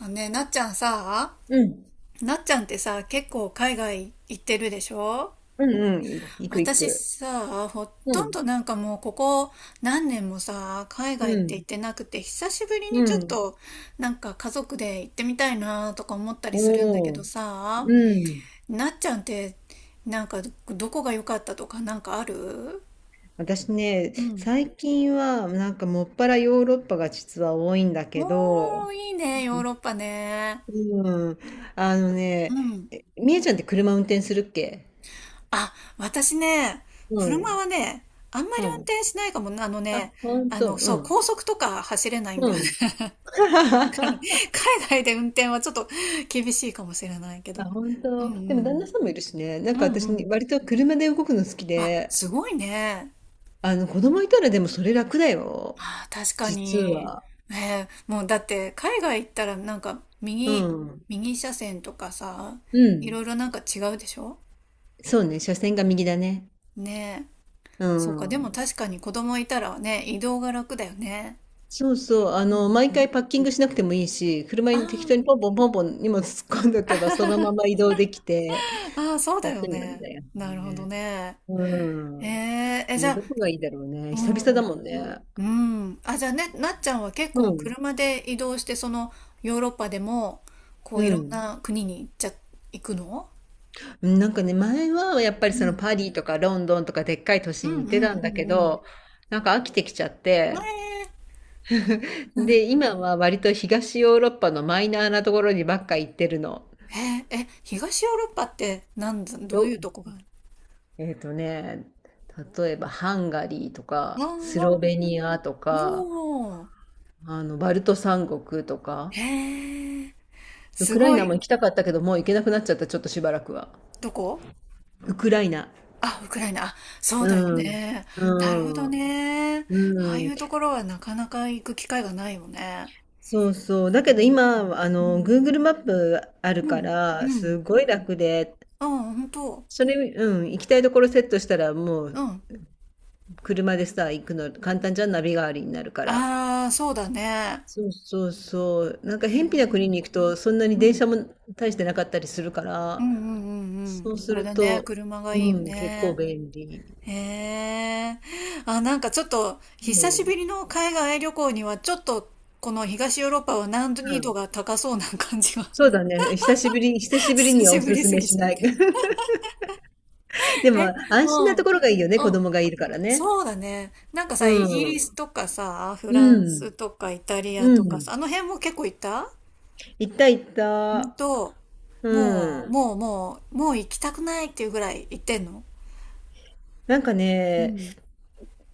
あね、うん。なっちゃんってさ、結構海外行ってるでしょ？うんうん。行く行私く。さ、ほうとんん。どなんかもうここ何年もさ、海う外って行ん。ってなくて、久しぶりにうちょっん。となんか家族で行ってみたいなとか思ったりするんだけおどー。さ、うん。なっちゃんってなんかどこが良かったとかなんかある？私ね、うん。最近はなんかもっぱらヨーロッパが実は多いんだけど、おー、いいね、ヨーロッパね。うん。あのうね、ん。えみえちゃんって車運転するっけ？あ、私ね、う車ん。はね、あんまうり運ん。転しないかも。あのあ、ね、ほんあの、と。うそう、ん。高速とか走れないんうだよね。ん。だから、海外で運転はちょっと厳しいかもしれないけど。あ、本うん当。うでも旦那ん。さんもいるしね。なうんん。うかん私うにん。割と車で動くの好きあ、で、すごいね。あの子供いたらでもそれ楽だよ。あー、確か実に。は。ねえ、もうだって海外行ったらなんかう右、ん。右車線とかさ、ういん。ろいろなんか違うでしょ？そうね、車線が右だね。ねえ。うそうか、でもん。確かに子供いたらね、移動が楽だよね。そうそう、あうんの、う毎ん。回パッキングしなくてもいいし、車ああ。に適当にポンポンポンポン荷物突っ込んどけば、そのまま移動できて、ああ、そうだよ楽なんね。だよなるほどね。ね。えうん。ええ、じえ、ゃあ、どこがいいだろうね。う久々だん、もんね。うん。あ、じゃあね、なっちゃんは結う構ん。車で移動して、そのヨーロッパでも、こういうろんん。な国に行っちゃ、行くの？うん、なんかね、前はやっぱりうそのん。パリとかロンドンとかでっかい都う市んうに行ってたんんうだけんうん。ど、なんか飽きてきちゃっえて、え で、今は割と東ヨーロッパのマイナーなところにばっか行ってるの。へえ、え、東ヨーロッパってなんだ、どよういうとこがある？えっとね、例えばハンガリーとああ、か、スロベニアとか、おおー、あの、バルト三国とか、へえ、ウすクライごナも行い、きたかったけど、もう行けなくなっちゃった、ちょっとしばらくは。どこ？ウクライナ。あ、ウクライナ。あ、そうだようん。ね。なるほどうん。ね。ああういん。うところはなかなか行く機会がないよね。そうそう。だうけどん。今、あうの、ん。Google マップあるうかん。うら、ん。すごい楽で、あ、本当。それ、うん、行きたいところセットしたら、もうう、ん。車でさ、行くの、簡単じゃん、ナビ代わりになるから。ああ、そうだね。そうそうそう。なんか、へ偏僻なえ。国に行くと、そんなにう電ん。車も大してなかったりするかうんら、うんうんうそん。うすあれるだね。と、車がいいようん、結構ね。便利。へえ。あ、なんかちょっと、う久しん。ぶりの海外旅行には、ちょっと、この東ヨーロッパは難う易度ん。が高そうな感じが、そうだね。久しぶり、久し ぶり久にはしおぶすりすすめぎしちゃっない。て。でえ、も、安う心なん。うとん。ころがいいよね。子供がいるからね。そうだね。なんかさ、イギうリん。スとかさ、フランうん。スとかイタリアうとかさ、ん。あの辺も結構行った？行った行っうんた。と、うもう、ん。もう、もう、もう行きたくないっていうぐらい行ってんの？なんかうね、ん。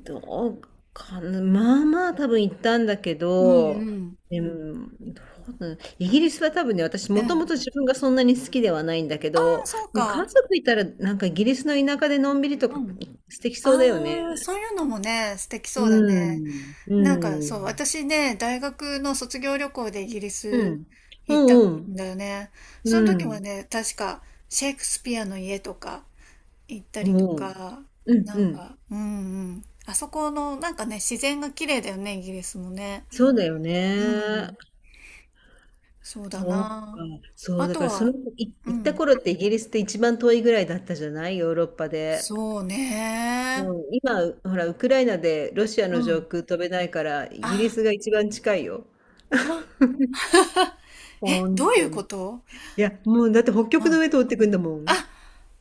どうかな、まあまあ多分行ったんだけうん、うど、ん。でも、どうだイギリスは多分ね、私うもとん。もと自分がそんなに好きではないんだけああ、ど、そう家か。族いたらなんかイギリスの田舎でのんびりとうかん。素敵そうだよね。ああ、そういうのもね、素敵うそうだね。ん、うなんん、かうん、そう、私ね、大学の卒業旅行でイギリうスん、う行ったんん、だよね。そのう時はん、ね、確かシェイクスピアの家とか、行ったうりとん、か、うん、なんうん、か、うんうん。あそこの、なんかね、自然が綺麗だよね、イギリスもね。そうだようね。ん。そうだそうな。か、そあう、だとからそのは、う行ったん。頃ってイギリスって一番遠いぐらいだったじゃないヨーロッパで。そうね。うん、今、ほら、ウクライナでロシアうの上ん。空飛べないから、イあ、ギリスが一番近いよ。あ、あえ、ど本うい当うに。こいと？や、もうだって北うん。極の上通ってくんだもん。あ、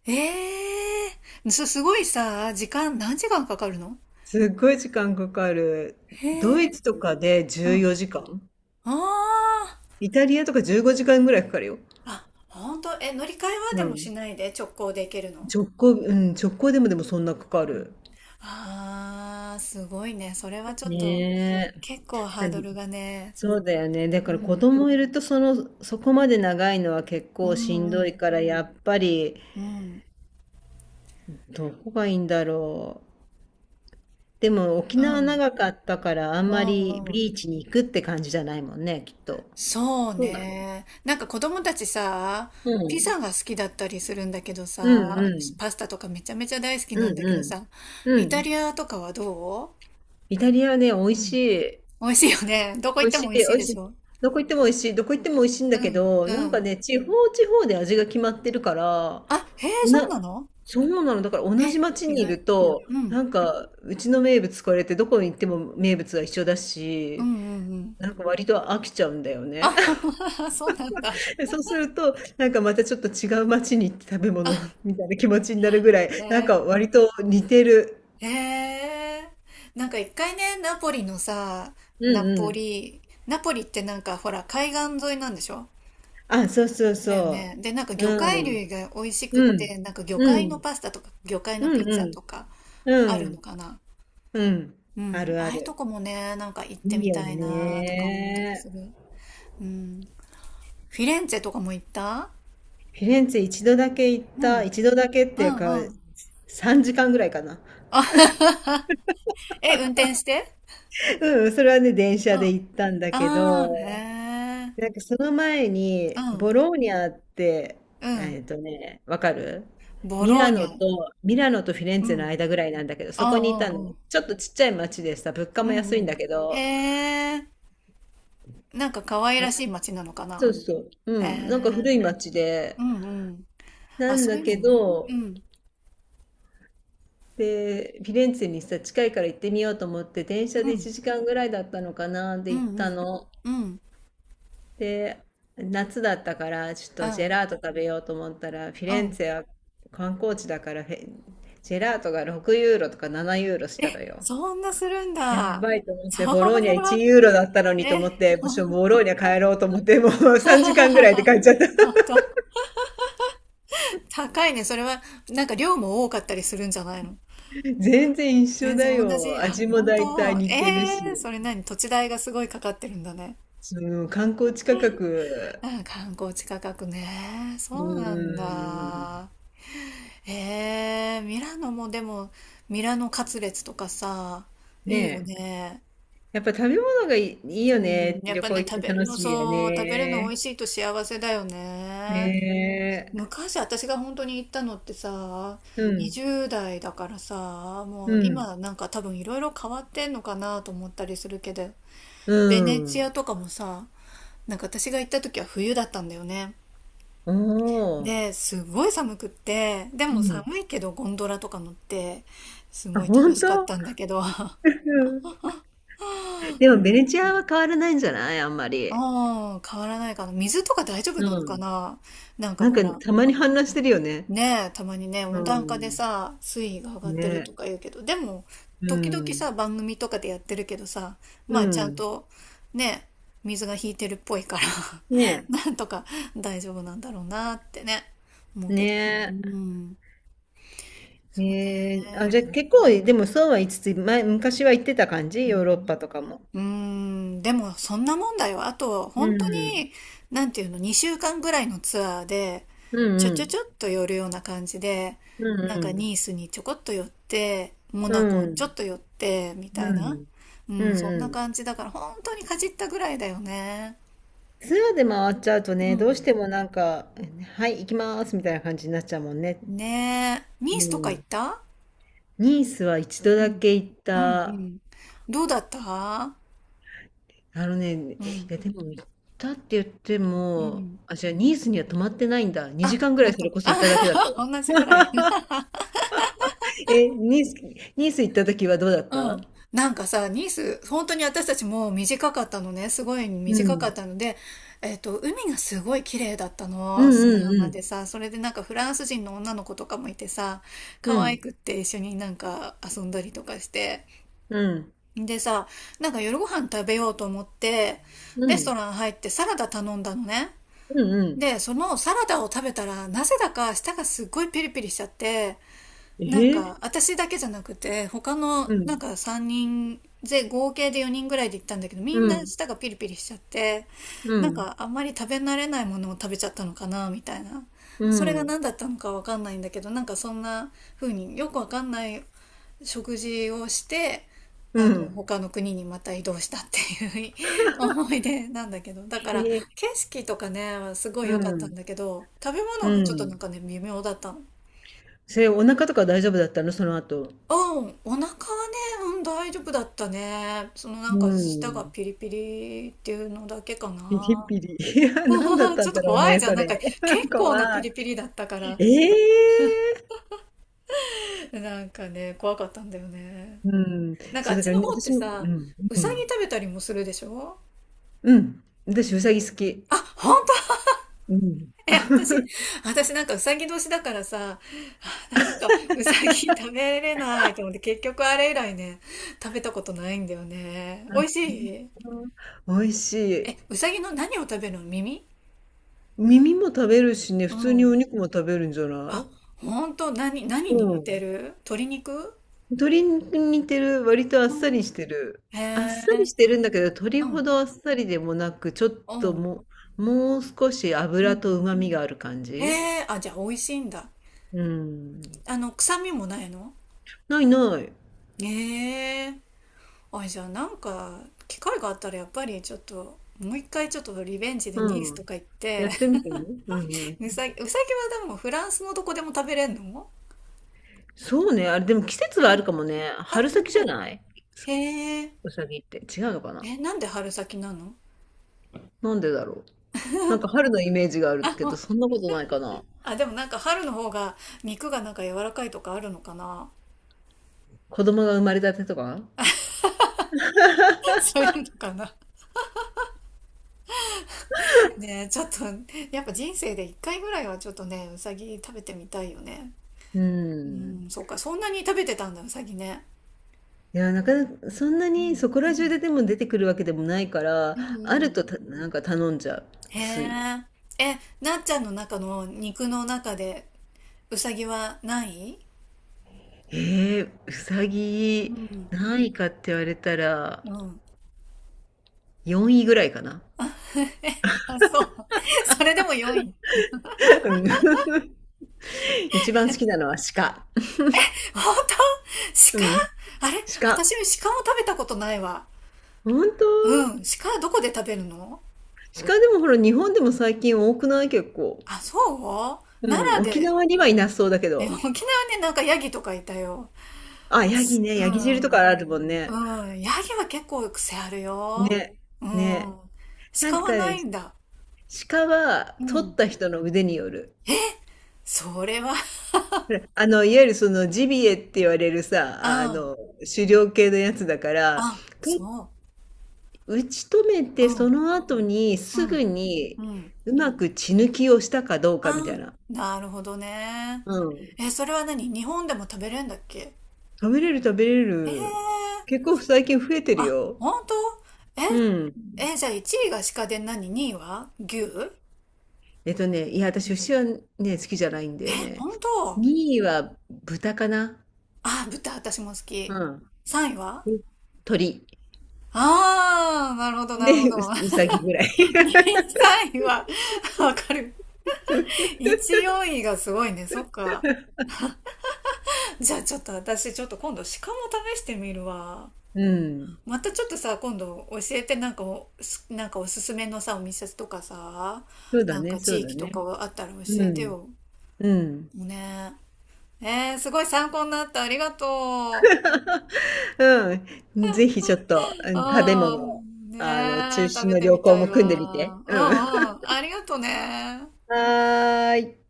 ええすごいさ、時間、何時間かかるの？すっごい時間かかる。へドイえ。ツとかでう14ん。時間。ああ。イタリアとか15時間ぐらいかかるよ。あ、ほんと、え、乗り換えはでうもしん。ないで直行で行けるの？直行、うん、直行でもそんなかかうん？る。あーすごいね。それはちょっと、ね結構え。ハードルがね。そうだよね。だかうら子ん。供いるとその、そこまで長いのは結う構しんん、うどいん、から、やっぱりうん、うん、どこがいいんだろ。でも沖縄長かったからあんうまりん、うん。ビーチに行くって感じじゃないもんね、きっと。そうそうだろね。なんか子供たちさ、う。うピん。ザが好きだったりするんだけどうんさ、うん。パスタとかめちゃめちゃ大好きなうんだんけどうさ、ん。うイタん。リアとかはどイタリアね、美う？味うしん。い。美味しいよね。どこ美行っ味てしもい、美味美しい味でししい。ょ？どこ行っても美味しい。どこ行っても美味しいんだうけん、ど、なうんかん。ね、地方地方で味が決まってるから、あ、へえ、そうな、なの？そうなの。だから同じえ、町意にい外。ると、うん、なんか、うちの名物これってどこに行っても名物が一緒だうん、うし、ん、うん。なんか割と飽きちゃうんだよね。あ、そうなんだ。で、そうすると、なんかまたちょっと違う街に行って食べ物 みたいな気持ちになるぐらい、なんね。か割と似てる。へえ。なんか一回ね、ナポリのさ、うナんうポん。リ、ナポリってなんかほら海岸沿いなんでしょ？あ、そうそうだよそね。で、なんかう。魚介うん。類が美味しくっうて、ん。なんか魚う介のん。パスタとか魚介のピうッんうツァん。とかうあるのん。かな。うん。うあん。るあああいうとる。こもね、なんか行っいてみいよたいなとか思ったりね。する。うん。フィレンツェとかも行った？フィレンツェ一度だけ行っうん。うんた、一度だけっていうか、うん。3時間ぐらいかな。あ え、運転して？ うん、それはね、電う車ん。であ行ったんだけあ、ど、へなえ。んかその前うに、ん、ボローニャって、うん。えっとね、わかる？ボミローラニノャ。と、ミラノとフィレンうツェのん。間ぐらいなんだけど、そあこにいあ、うたの。んうん。ちょっとちっちゃい町でさ、物価うもん安ういんん。だけど、へえ。なんか可愛あらしい街なのかそうな。そう、へうん、なんかえ。古い町で、うんうん。なあ、んそだういうのけもね。うど、ん。で、フィレンツェにさ、近いから行ってみようと思って、電車うでん。1時間ぐらいだったのかな、うで行んっうたん。の。うん。で、夏だったから、ちょっうとジェん。ラート食べようと思ったら、フィうレンん。ツェは観光地だからジェラートが6ユーロとか7ユーロしえ、たのよ。そんなするんやだ。ばいと思っそて、ボローニれャ1は、ユーロだったのにえ、と思って、ほ私はん ボローニャ帰ろうと思って、もう3時間ぐらいで帰っちゃっ ほんた。と。高いね。それは、なんか量も多かったりするんじゃないの？ 全然一緒全然だ同じ。よ。あ、味も本大体当。似えてるし。えー、それ何土地代がすごいかかってるんだね。その観光地価格、あ、観光地価格ね。うそうなんーん。だ。ええー、ミラノもでも、ミラノカツレツとかさ、いいよねえ。ね。やっぱ食べ物がいいようね。ん、やっ旅ぱ行ね、行っ食てべる楽の、しみやそう、食べるの美ね。味しいと幸せだよねね。え。昔私が本当に行ったのってさ、うん。20代だからさ、うもうん。今なんか多分いろいろ変わってんのかなと思ったりするけど、うベネチん。アとかもさ、なんか私が行った時は冬だったんだよね。おお。で、すごい寒くって、でうもん。寒いけどゴンドラとか乗って、すあ、ごい楽本しかっ当？うたんだけど、ん。でもベネチアは変わらないんじゃない？あんまり。ああ、変わらないかな。水とか大丈夫なのうかん。な？なんかなんほから、たまに氾濫してるよね。ねえ、たまにね、う温暖化でん。さ、水位が上がってるとね。か言うけど、でも、う時々ん。さ、番組とかでやってるけどさ、うまあちゃんん。と、ね、水が引いてるっぽいから ねえ。なんとか大丈夫なんだろうなってね、思うけど。うねえ。ん、そうね、ええ、あ、じまゃ、あ結構でもそうは言いつつ、昔は行ってた感じ？うヨーんロッパとかも。うーん、でもそんなもんだよ。あと、う本当ん。に、なんていうの、2週間ぐらいのツアーで、うちんょうちょん。ちょっと寄るような感じで、うんなんうかニん。ースにちょこっと寄って、モうナコちょっん。と寄って、みたいうな。ん。ううん、んそんうなん。感じだから、本当にかじったぐらいだよね。ツアーで回っちゃうとうね、どうん。してもなんか、はい、行きますみたいな感じになっちゃうもんね。ねえ、ニうースとか行っん。た？ニースは一度うだん。け行っうんうた。ん。どうだった？あのね、いうん。やでも行ったって言ってうも、ん。あ、じゃあニースには泊まってないんだ。2あ、時間ぐらい本それ当。こそいただけだったあ、わ。同じぐらい。え、ニース行った時はどうだっうた？ん。なんかさ、ニース、本当に私たちも短かったのね。すごいう短かっん。たので、海がすごい綺麗だったうの。ん砂う浜でんさ、それでなんかフランス人の女の子とかもいてさ、う可ん。う愛ん。くって一緒になんか遊んだりとかして。うん。でさ、なんか夜ご飯食べようと思って、うレストん。ラン入ってサラダ頼んだのね。うんうん。で、そのサラダを食べたら、なぜだか舌がすっごいピリピリしちゃって、なんえか私だけじゃなくて他のうなん。んか3人で合計で4人ぐらいで行ったんだけど、みんうなん。舌がピリピリしちゃって、うなんん。かあんまり食べ慣れないものを食べちゃったのかなみたいな、うそれがん。何だったのかわかんないんだけど、なんかそんな風によくわかんない食事をして、うあのん。他の国にまた移動したっていう 思い出なんだけど、だえからー、景色とかねすごいう良かったんん。だけど、食べう物がちょっとなんん。かね微妙だったの。それ、お腹とか大丈夫だったの？その後。うん、お腹はね、うん、大丈夫だったね。そのなうんか舌がん。ピリピリっていうのだけかピリな。ピリ。いや、何だっ たちんょっだとろう怖いね、じゃん。そなんれ。か 結構なピ怖い。リピリだったから。ええ！なんかね、怖かったんだよね。うん。なんかあそう、っだかちらのね、方って私もうさ、ん、ううさぎん。食べたりもするでしょ？うん。私、うさぎ好き。あ、本当？うん。え、私、あ、私なんかうさぎ年だからさ、なんかうさぎ食べれないと思って結局あれ以来ね、食べたことないんだよね。美味しい？本当。美味しえ、い。うさぎの何を食べるの？耳？耳も食べるしね、う普通におん。肉も食べるんじゃなあ、い？ほんと、何うに似ん。てる？鶏肉？鶏肉に似てる、割とあっうさん？りしてる。へあっさりえ、してるんだけど、鶏うほん、どあっさりでもなく、ちょっうとん、もう少しう脂ん。と旨味がある感へじ。え、あ、じゃあ美味しいんだ。うん。あの、臭みもないの？ないない。へえ、あ、じゃあなんか、機会があったらやっぱりちょっと、もう一回ちょっとリベンジでニースうとん。か行っやて、ってみ てね。ううさんうん。ぎ、うさぎはでもフランスのどこでも食べれんの？そうね。あれ、でも季節うはあん。るかもね。あ、春先じゃもう、ない？へえ、うさぎって。違うのかな？え、なんで春先なの？なんでだろう。なんか春のイメージがあるあ、けど、そんなことないかな。あ、でもなんか春の方が肉がなんか柔らかいとかあるのかな？ 子供が生まれたてとか。 そういうのかな。ねえ、ちょっと、やっぱ人生で一回ぐらいはちょっとね、うさぎ食べてみたいよね。ううん。ん、そうか、そんなに食べてたんだ、うさぎね。いや、なかなかそんなうにん。そこらう中ん。ででも出てくるわけでもないから、うんあうるん。となんか頼んじゃう、へつい。え。え、なっちゃんの中の肉の中で、うさぎはない？うさうぎ、ん。何位かって言われたら、うん。4位ぐらいかな。あ、そう。それでも4位。うん 一番好きなのは鹿。本当？鹿？うん。あれ鹿。私も鹿も食べたことないわ。ほんと？うん。鹿はどこで食べるの？鹿でもほら、日本でも最近多くない？結構。あ、そうう奈ん、良沖で？縄にはいなそうだけね、ど。沖縄ね、なんかヤギとかいたよ。あ、ヤギね、うヤギ汁とかん。あるもんね。うん。ヤギは結構癖あるよ。ね、うん。ね。なん鹿か、はないんだ。鹿は、う取っん。た人の腕による。それは、あの、いわゆるそのジビエって言われる さ、ああん。の、狩猟系のやつだから、あ、とそ打ち止めう。てうそん。の後にうすぐん。にうん。うまく血抜きをしたかどうあかみたいな。あ、なるほどね。うん。え、それは何日本でも食べれるんだっけ？食べれる食べれええー、る。結構最近増えてるあ、よ。本当？うん。え、え、じゃあ1位が鹿で何？ 2 位は牛？ういや、私ん？牛はね、好きじゃないんだえ、よね。本当？2位は豚かな。あ、豚、私も好うき。ん。3位は？鳥。ああ、なるほど、なるほで、ど。うさぎぐらい。2位、3位は、わかる。1、4位がすごいね。そっか。じゃあちょっと私、ちょっと今度、鹿も試してみるわ。うん。またちょっとさ、今度教えて、なんかおすすめのさ、お店とかさ、そうだなんね、かそう地だ域とかね。あったら教うえてん。よ。うん。ねえ。すごい参考になった。ありがとうん。ぜひちょっと、うう。ん、食べう物、ん。ねあの、中え、食心べのて旅み行たいも組んでみて。わ。ううん。ん うん。ありがとね。はーい。